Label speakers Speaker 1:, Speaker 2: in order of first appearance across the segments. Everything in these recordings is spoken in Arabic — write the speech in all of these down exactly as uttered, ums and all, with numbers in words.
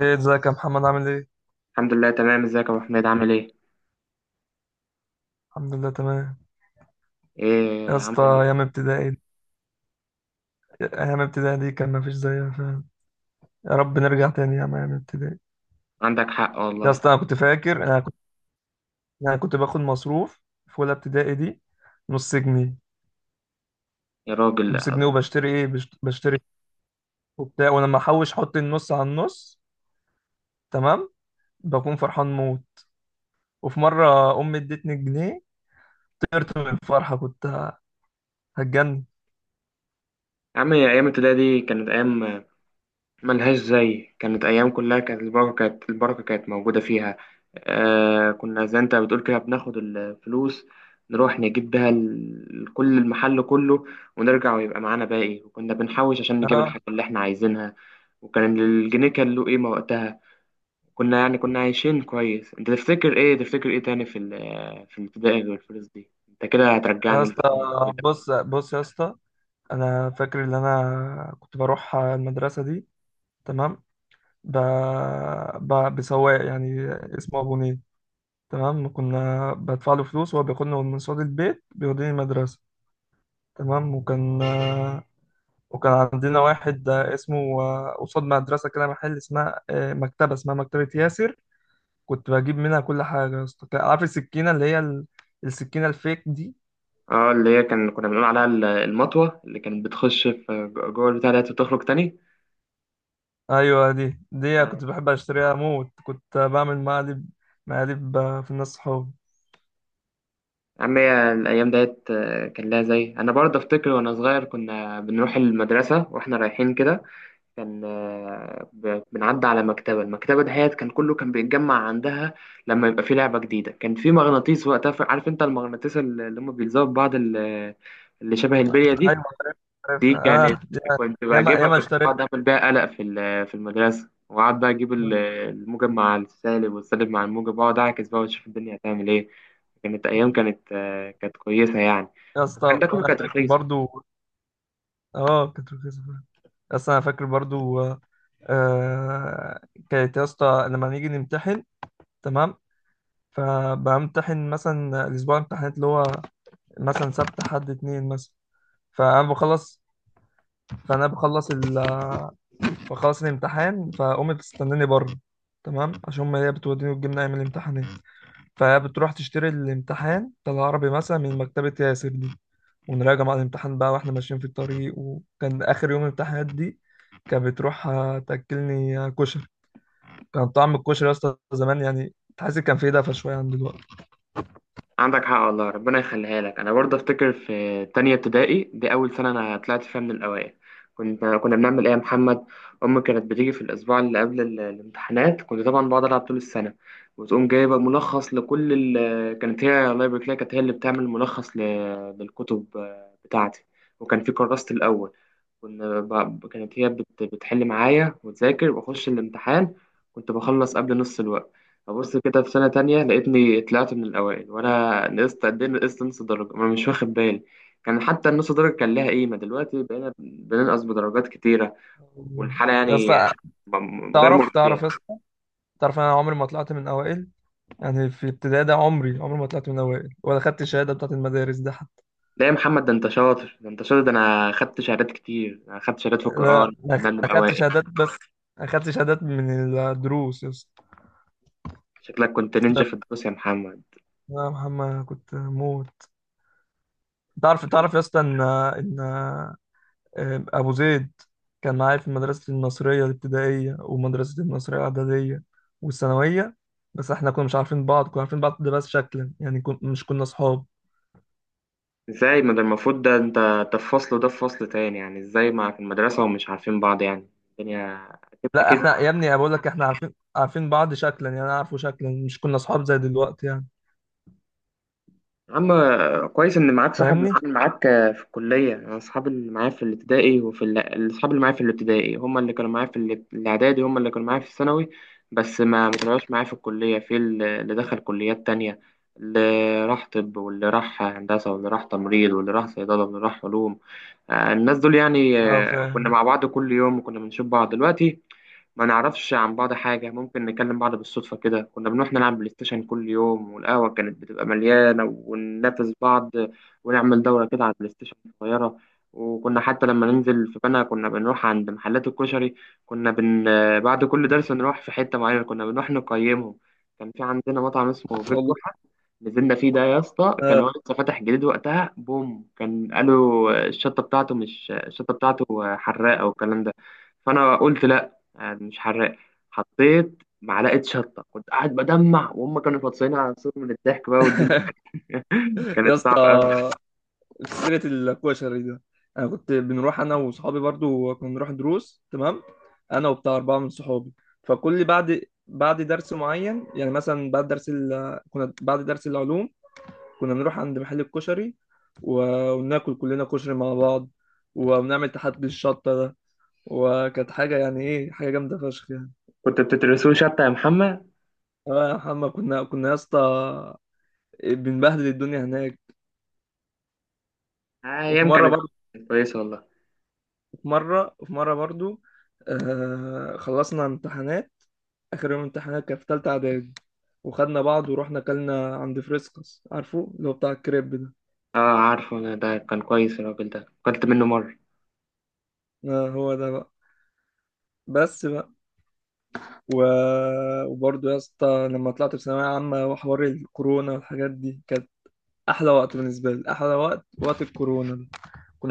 Speaker 1: ايه ازيك يا محمد، عامل ايه؟
Speaker 2: الحمد لله تمام، ازيك يا ابو حميد؟ عامل ايه؟
Speaker 1: الحمد لله تمام.
Speaker 2: ايه،
Speaker 1: يا اسطى،
Speaker 2: عامل ايه؟
Speaker 1: ايام ابتدائي. ايام ابتدائي دي كان مفيش زيها فعلا. يا رب نرجع تاني يا ايام ابتدائي.
Speaker 2: عندك حق
Speaker 1: يا
Speaker 2: والله.
Speaker 1: اسطى، انا كنت فاكر، انا كنت انا كنت باخد مصروف في اولى ابتدائي دي. نص جنيه.
Speaker 2: يا راجل
Speaker 1: نص
Speaker 2: يا.
Speaker 1: جنيه وبشتري ايه، بشت- بشتري وبتاع. ولما احوش احط النص على النص، تمام، بكون فرحان موت. وفي مره امي ادتني جنيه، طرت من الفرحه كنت هتجنن.
Speaker 2: عم، ايام الابتدائي دي كانت ايام ملهاش زي، كانت ايام كلها كانت البركه كانت البركه كانت موجوده فيها. آه، كنا زي انت بتقول كده، بناخد الفلوس نروح نجيب بيها ال- كل المحل كله ونرجع ويبقى معانا باقي، وكنا بنحوش عشان نجيب
Speaker 1: اه.
Speaker 2: الحاجه اللي احنا عايزينها. وكان الجنيه كان له قيمه وقتها، كنا يعني كنا عايشين كويس. انت تفتكر ايه، تفتكر ايه تاني في ال- في الابتدائي غير الفلوس دي؟ انت كده
Speaker 1: يا
Speaker 2: هترجعنا لزمن
Speaker 1: اسطى،
Speaker 2: الجميل.
Speaker 1: بص بص يا اسطى. انا فاكر ان انا كنت بروح المدرسه دي، تمام، ب... ب... بسواق يعني اسمه ابو نيل. تمام. كنا بدفع له فلوس وهو بياخدني من صاله البيت بيوديني المدرسه. تمام. وكان وكان عندنا واحد اسمه، قصاد مدرسه كده محل اسمها آه، مكتبه اسمها مكتبه ياسر. كنت بجيب منها كل حاجه يا اسطى. عارف السكينه اللي هي ال- السكينه الفيك دي؟
Speaker 2: اه، اللي هي كان كنا بنقول عليها ال- المطوة اللي كانت بتخش في جوه البتاع ديت وتخرج تاني.
Speaker 1: ايوه دي دي
Speaker 2: آه.
Speaker 1: كنت بحب اشتريها موت. كنت بعمل مقالب. مقالب في الناس صحابي.
Speaker 2: يا عم، هي الأيام ديت آه، كان لها زي، أنا برضه أفتكر وأنا صغير كنا بنروح المدرسة وإحنا رايحين كده، كان آه، ب- بنعدي على مكتبة المكتبة دهيت كان كله كان بيتجمع عندها لما يبقى في لعبة جديدة. كان في مغناطيس وقتها، ف- عارف انت المغناطيس اللي اللي هم بيلزقوا في بعض، ال- اللي شبه البلية دي.
Speaker 1: ايوه
Speaker 2: دي
Speaker 1: عارفها.
Speaker 2: كانت
Speaker 1: اه دي-
Speaker 2: كنت
Speaker 1: ياما
Speaker 2: بجيبها،
Speaker 1: ياما
Speaker 2: كنت بقعد
Speaker 1: اشتريت.
Speaker 2: اعمل بيها قلق في ال- في المدرسة، وقعد بقى اجيب ال- الموجب مع السالب والسالب مع الموجب، واقعد اعكس بقى واشوف الدنيا هتعمل ايه. كانت ايام كانت آه، كانت كويسة يعني.
Speaker 1: يا اسطى
Speaker 2: وكان ده كله
Speaker 1: وانا
Speaker 2: كانت
Speaker 1: فاكر
Speaker 2: رخيصة.
Speaker 1: برضو. اه، كانت رخيصه فعلا. بس انا فاكر برضو آه آه، كانت يا اسطى لما نيجي نمتحن، تمام، فبمتحن مثلا الاسبوع الامتحانات اللي هو مثلا سبت حد اتنين مثلا، فانا بخلص. فانا بخلص. فخلاص الامتحان فقامت بتستناني بره، تمام، عشان هما هي بتوديني وتجيبني ايام الامتحانات. فهي بتروح تشتري الامتحان بتاع العربي مثلا من مكتبة ياسر دي ونراجع مع الامتحان بقى واحنا ماشيين في الطريق. وكان اخر يوم الامتحانات دي كانت بتروح آه، تاكلني آه، كشري. كان طعم الكشري يا اسطى زمان، يعني تحس كان فيه دفى شويه عن دلوقتي.
Speaker 2: عندك حق والله، ربنا يخليها لك. انا برضه افتكر في تانية ابتدائي دي اول سنه انا طلعت فيها من الاوائل. كنت كنا بنعمل ايه يا محمد؟ امي كانت بتيجي في الاسبوع اللي قبل ال- الامتحانات. كنت طبعا بقعد العب طول السنه، وتقوم جايبه ملخص لكل ال... كانت هي، الله يبارك لها، كانت هي اللي بتعمل ملخص ل... للكتب آه، بتاعتي. وكان في كراسة الاول، كنا ب... كانت هي بت... بتحل معايا وتذاكر، واخش الامتحان كنت بخلص قبل نص الوقت. أبص كده في سنة تانية لقيتني طلعت من الأوائل، وأنا نقصت قد إيه؟ نقصت نص درجة، ما أنا مش واخد بالي. كان حتى النص درجة كان لها قيمة، دلوقتي بقينا بننقص بدرجات كتيرة، والحالة
Speaker 1: يا
Speaker 2: يعني
Speaker 1: اسطى
Speaker 2: م- م- غير
Speaker 1: تعرف
Speaker 2: مرضية.
Speaker 1: تعرف يا اسطى. تعرف انا عمري ما طلعت من اوائل. يعني في ابتدائي ده عمري عمري ما طلعت من اوائل ولا خدت الشهاده بتاعت المدارس ده.
Speaker 2: لا يا محمد، ده أنت شاطر، ده أنت شاطر، ده أنا خدت شهادات كتير، أنا خدت شهادات في القرآن
Speaker 1: لا أنا أخ-
Speaker 2: كنا من
Speaker 1: أخدت
Speaker 2: الأوائل.
Speaker 1: شهادات. بس أخدت شهادات من الدروس يا اسطى.
Speaker 2: شكلك كنت نينجا في الدروس يا محمد.
Speaker 1: يا محمد كنت موت. تعرف تعرف يا اسطى إن إن أبو زيد كان معايا في مدرسة المصرية الابتدائية ومدرسة المصرية الإعدادية والثانوية. بس احنا كنا مش عارفين بعض، كنا عارفين بعض ده بس شكلا، يعني كن... مش كنا صحاب.
Speaker 2: إزاي؟ ما ده المفروض ده أنت ده في فصل وده في فصل تاني، يعني إزاي مع في المدرسة ومش عارفين بعض؟ يعني الدنيا، أكيد
Speaker 1: لا
Speaker 2: أكيد.
Speaker 1: احنا يا ابني بقول لك احنا عارفين عارفين بعض شكلا، يعني انا عارفه شكلا، مش كنا صحاب زي دلوقتي يعني.
Speaker 2: يا عم، كويس ان معاك صاحب
Speaker 1: فاهمني؟
Speaker 2: معاك. في الكليه، انا اصحابي اللي معايا في الابتدائي وفي ال- اصحابي اللي معايا في الابتدائي هم اللي كانوا معايا في ال- الاعدادي، هم اللي كانوا معايا في الثانوي. بس ما ما طلعوش معايا في الكليه، في ال- اللي دخل كليات تانية، اللي راح طب واللي راح هندسه واللي راح تمريض واللي راح صيدله واللي راح علوم. آه، الناس دول يعني
Speaker 1: اه
Speaker 2: آه، كنا
Speaker 1: فاهم.
Speaker 2: مع بعض كل يوم، وكنا بنشوف بعض. دلوقتي ما نعرفش عن بعض حاجة، ممكن نكلم بعض بالصدفة. كده كنا بنروح نلعب بلاي ستيشن كل يوم، والقهوة كانت بتبقى مليانة وننافس بعض، ونعمل دورة كده على البلاي ستيشن صغيرة. وكنا حتى لما ننزل في بنا كنا بنروح عند محلات الكشري، كنا بن... بعد كل درس نروح في حتة معينة، كنا بنروح نقيمهم. كان في عندنا مطعم اسمه بيت
Speaker 1: والله
Speaker 2: جحا، نزلنا فيه ده يا اسطى، كان هو لسه فاتح جديد وقتها. بوم، كان قالوا الشطة بتاعته، مش الشطة بتاعته حراقة والكلام ده. فأنا قلت لا، آه، مش حراق. حطيت معلقه شطه، كنت قاعد بدمع، وهم كانوا فطسانين على نفسهم من الضحك بقى والدنيا
Speaker 1: يا
Speaker 2: كانت صعبه
Speaker 1: اسطى،
Speaker 2: قوي.
Speaker 1: سيرة القوة الشريرة. أنا كنت بنروح أنا وصحابي برضو، كنا بنروح دروس، تمام، أنا وبتاع أربعة من صحابي. فكل بعد، بعد درس معين، يعني مثلا بعد درس ال... كنا بعد درس العلوم كنا بنروح عند محل الكشري و... وناكل كلنا كشري مع بعض وبنعمل تحدي الشطة ده. وكانت حاجة، يعني إيه، حاجة جامدة فشخ يعني.
Speaker 2: كنت بتدرسوه شطه يا محمد؟
Speaker 1: آه يا محمد كنا كنا يا اسطى بنبهدل الدنيا هناك.
Speaker 2: آه،
Speaker 1: وفي
Speaker 2: ايام
Speaker 1: مرة
Speaker 2: كانت
Speaker 1: برضو،
Speaker 2: كويسه والله.
Speaker 1: مرة وفي مرة برضو آه خلصنا امتحانات. آخر يوم امتحانات كان في تالتة إعدادي وخدنا بعض ورحنا أكلنا عند فريسكس، عارفه اللي هو بتاع الكريب ده.
Speaker 2: اه، عارفه، انا ده كان كويس الراجل ده، اكلت منه مره.
Speaker 1: آه هو ده بقى. بس بقى. و... وبرضه يا اسطى لما طلعت في ثانوية عامة وحوار الكورونا والحاجات دي، كانت أحلى وقت بالنسبة لي. أحلى وقت وقت الكورونا ده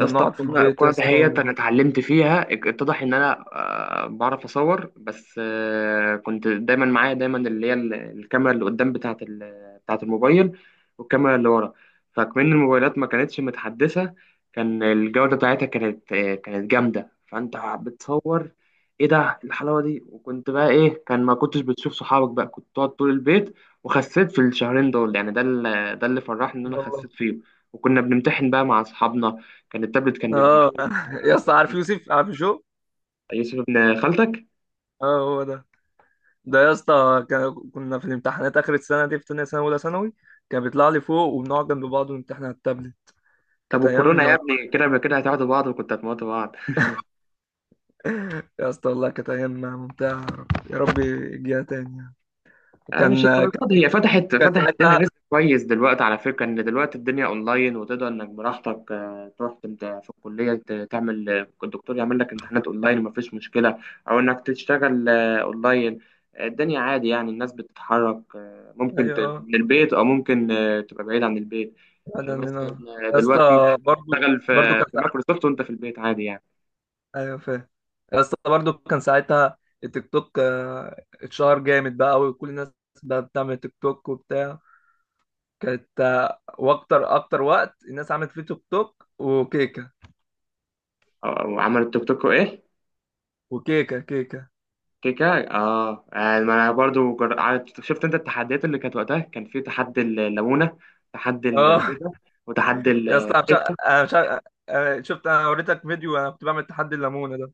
Speaker 2: يا اسطى،
Speaker 1: بنقعد في
Speaker 2: الكورة
Speaker 1: البيت يا
Speaker 2: الكورة
Speaker 1: اسطى.
Speaker 2: دهيت
Speaker 1: و...
Speaker 2: أنا اتعلمت فيها، اتضح إن أنا آه، بعرف أصور بس، آه، كنت دايما معايا دايما اللي هي ال- الكاميرا اللي قدام بتاعة ال- بتاعة الموبايل والكاميرا اللي ورا. فكمان الموبايلات ما كانتش متحدثة، كان الجودة بتاعتها كانت آه، كانت جامدة، فأنت بتصور إيه ده، إيه الحلاوة دي؟ وكنت بقى إيه، كان ما كنتش بتشوف صحابك، بقى كنت تقعد طول البيت. وخسيت في الشهرين دول يعني، ده اللي- ده اللي فرحني إن أنا
Speaker 1: والله.
Speaker 2: خسيت فيه. وكنا بنمتحن بقى مع أصحابنا، كان التابلت كان بيبقى
Speaker 1: اه.
Speaker 2: مفروض معانا
Speaker 1: يا اسطى، عارف
Speaker 2: والله.
Speaker 1: يوسف؟ عارف شو.
Speaker 2: يوسف ابن خالتك؟
Speaker 1: اه هو ده. ده يا اسطى كان- كنا في الامتحانات اخر السنه دي في تانية سنه اولى ثانوي كان بيطلع لي فوق وبنقعد جنب بعض ونمتحن على التابلت.
Speaker 2: طب
Speaker 1: كانت
Speaker 2: والكورونا يا
Speaker 1: ايام.
Speaker 2: ابني، كده كده هتقعدوا بعض وكنت هتموتوا بعض.
Speaker 1: يا اسطى والله كانت ايام ممتعه. يا رب يجيها تاني يعني.
Speaker 2: آه، مش
Speaker 1: كان
Speaker 2: الدرجات
Speaker 1: كان
Speaker 2: دي. هي فتحت
Speaker 1: كان
Speaker 2: فتحت لنا
Speaker 1: ساعتها.
Speaker 2: رزق كويس دلوقتي على فكره، ان دلوقتي الدنيا اونلاين وتقدر انك براحتك آه، تروح انت في الكليه ت- تعمل، آه، الدكتور يعمل لك امتحانات اونلاين ومفيش مشكله، او انك تشتغل آه، اونلاين. آه، الدنيا عادي يعني، الناس بتتحرك، آه،
Speaker 1: ايوه
Speaker 2: ممكن ت-
Speaker 1: أيوه،
Speaker 2: من البيت او ممكن آه، تبقى بعيد عن البيت.
Speaker 1: بعد
Speaker 2: يعني مثلا
Speaker 1: عننا.
Speaker 2: آه،
Speaker 1: يا
Speaker 2: دلوقتي ممكن
Speaker 1: اسطى برضو،
Speaker 2: تشتغل
Speaker 1: برضو
Speaker 2: في
Speaker 1: كان
Speaker 2: في
Speaker 1: ساعتها.
Speaker 2: مايكروسوفت وانت في البيت عادي يعني.
Speaker 1: ايوه فاهم. يا اسطى برضو كان ساعتها التيك توك آه، اتشهر جامد بقى وكل الناس بقى بتعمل تيك توك وبتاع. كانت آه، واكتر اكتر وقت الناس عملت فيه تيك توك وكيك
Speaker 2: آه، وعمل التوك توك وايه.
Speaker 1: وكيكه كيكه.
Speaker 2: كيكه. اه، يعني ما انا برضو جر... عارف- شفت انت التحديات اللي كانت وقتها؟ كان في تحدي الليمونه، تحدي
Speaker 1: اه
Speaker 2: البيضه، وتحدي
Speaker 1: يا اسطى أنا مش
Speaker 2: الكيكه.
Speaker 1: عارف- انا مش عارف- أنا شفت. انا وريتك فيديو انا كنت بعمل تحدي الليمونه ده.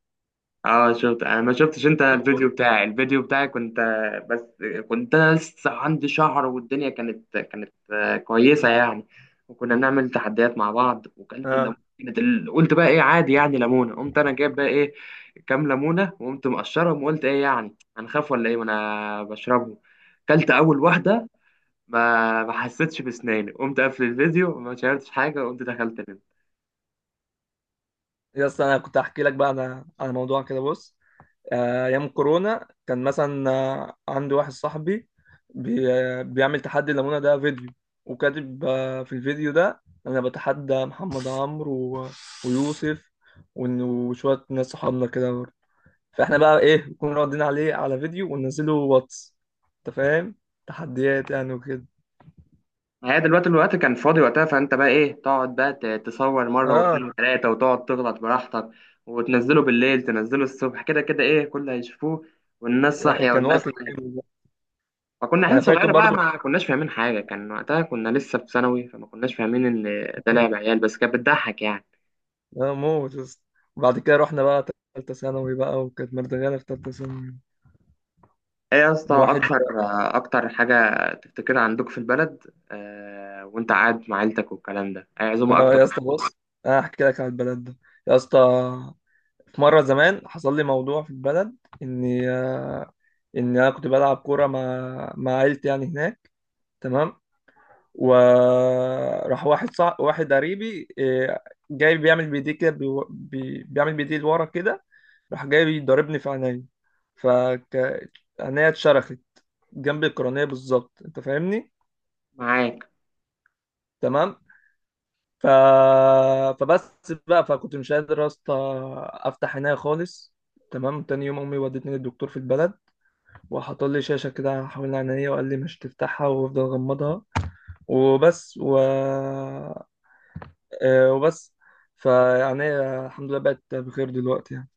Speaker 2: اه شفت، انا ما شفتش انت
Speaker 1: شفته.
Speaker 2: الفيديو بتاعي؟ الفيديو بتاعي كنت آه، بس كنت أنا لسه عندي شهر، والدنيا كانت كانت آه، كويسه يعني، وكنا نعمل تحديات مع بعض. وكلت
Speaker 1: اه
Speaker 2: الليمونه كانت، ال- قلت بقى ايه، عادي يعني ليمونه. قمت انا جايب بقى ايه، كام ليمونه، وقمت مقشرهم وقلت ايه يعني، هنخاف ولا ايه؟ وانا بشربهم، كلت اول واحده ما ما حسيتش بسناني، قمت قافل الفيديو ما شاهدتش حاجه وقمت دخلت.
Speaker 1: يا اسطى انا كنت احكي لك بقى انا على موضوع كده، بص، آه، ايام كورونا كان مثلا آه، عندي واحد صاحبي بي آه، بيعمل تحدي الليمونه ده فيديو وكاتب آه، في الفيديو ده انا بتحدى محمد عمرو و- ويوسف وإن- وشويه ناس صحابنا كده. فاحنا بقى ايه نكون راضيين عليه على فيديو وننزله واتس. انت فاهم؟ تحديات يعني وكده.
Speaker 2: ما هي دلوقتي الوقت كان فاضي وقتها، فانت بقى ايه تقعد بقى ت- تصور مره
Speaker 1: اه
Speaker 2: واتنين وتلاته، وتقعد تغلط براحتك وتنزله بالليل، تنزله الصبح، كده كده ايه كله هيشوفوه، والناس
Speaker 1: يعني
Speaker 2: صاحيه
Speaker 1: كان
Speaker 2: والناس
Speaker 1: وقت
Speaker 2: نايمه.
Speaker 1: جامد بقى.
Speaker 2: فكنا
Speaker 1: انا
Speaker 2: عيال
Speaker 1: فاكر
Speaker 2: صغيره بقى،
Speaker 1: برضو
Speaker 2: ما كناش فاهمين حاجه، كان وقتها كنا لسه في ثانوي، فما كناش فاهمين ان ده لعب عيال، بس كانت بتضحك يعني.
Speaker 1: اه موت يا اسطى. وبعد كده رحنا بقى تالتة ثانوي بقى وكانت مردغانا في تالتة ثانوي.
Speaker 2: ايه يا اسطى،
Speaker 1: الواحد.
Speaker 2: اكتر اكتر حاجه تفتكرها عندك في البلد، آه، وانت قاعد مع عيلتك والكلام ده؟ اي عزومه
Speaker 1: اه
Speaker 2: اكتر؟
Speaker 1: يا اسطى، بص، انا هحكي لك على البلد ده. يا اسطى في مرة زمان حصل لي موضوع في البلد اني آه، ان انا كنت بلعب كورة مع مع عيلتي يعني هناك، تمام، وراح واحد صع... واحد قريبي إيه، جاي بيعمل بايديه كده، بيو- بي... بيعمل بايديه لورا كده، راح جاي بيضربني في عينيا، ف عينيا اتشرخت جنب القرنية بالظبط. انت فاهمني؟
Speaker 2: معاك.
Speaker 1: تمام. ف... فبس بقى فكنت مش قادر يا اسطى افتح عينيا خالص. تمام. تاني يوم امي ودتني للدكتور في البلد وحط لي شاشه كده حوالين عينيا وقال لي مش تفتحها وافضل غمضها وبس و آه، وبس فيعني هي الحمد لله بقت بخير دلوقتي يعني.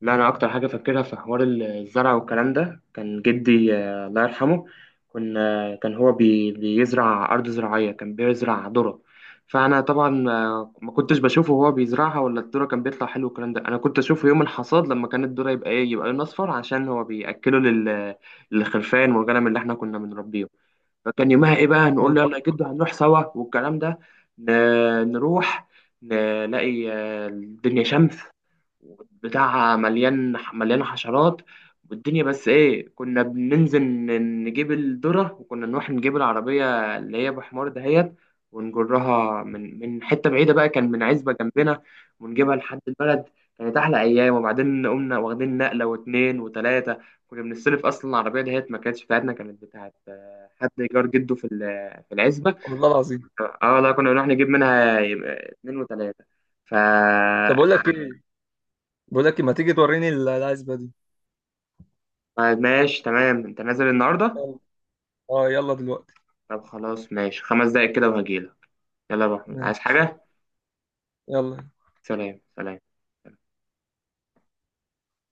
Speaker 2: لا، انا اكتر حاجه فاكرها في حوار الزرع والكلام ده، كان جدي آه، الله يرحمه، كنا كان هو بي بيزرع ارض زراعيه، كان بيزرع ذره. فانا طبعا آه، ما كنتش بشوفه وهو بيزرعها ولا الذره كان بيطلع حلو والكلام ده، انا كنت اشوفه يوم الحصاد لما كانت الذره يبقى ايه، يبقى لون اصفر عشان هو بياكله لل للخرفان والغنم اللي احنا كنا بنربيه. فكان يومها ايه بقى، نقول له يلا
Speaker 1: والله.
Speaker 2: يا جدو هنروح سوا والكلام ده، ن- نروح نلاقي آه، الدنيا شمس بتاعها، مليان مليان حشرات. والدنيا بس ايه، كنا بننزل ن- نجيب الذرة، وكنا نروح نجيب العربية اللي هي بحمار دهيت، ونجرها من من حتة بعيدة بقى، كان من عزبة جنبنا، ونجيبها لحد البلد. كانت أحلى أيام، وبعدين قمنا واخدين نقلة واتنين وتلاتة. كنا بنستلف أصلا العربية دهيت، ما كانتش بتاعتنا، كانت بتاعت آه، حد جار جده في ال- في العزبة.
Speaker 1: والله العظيم.
Speaker 2: اه لا، كنا بنروح نجيب منها يبقى اتنين وتلاتة، ف.
Speaker 1: طب اقول لك ايه. بقول لك إيه، ما تيجي توريني ال- العزبه دي.
Speaker 2: طيب ماشي، تمام. انت نازل النهارده؟
Speaker 1: يلا. اه يلا دلوقتي.
Speaker 2: طب خلاص، ماشي، خمس دقايق كده وهجيلك. يلا يا ابو احمد، عايز
Speaker 1: ماشي.
Speaker 2: حاجه؟
Speaker 1: يلا.
Speaker 2: سلام، سلام.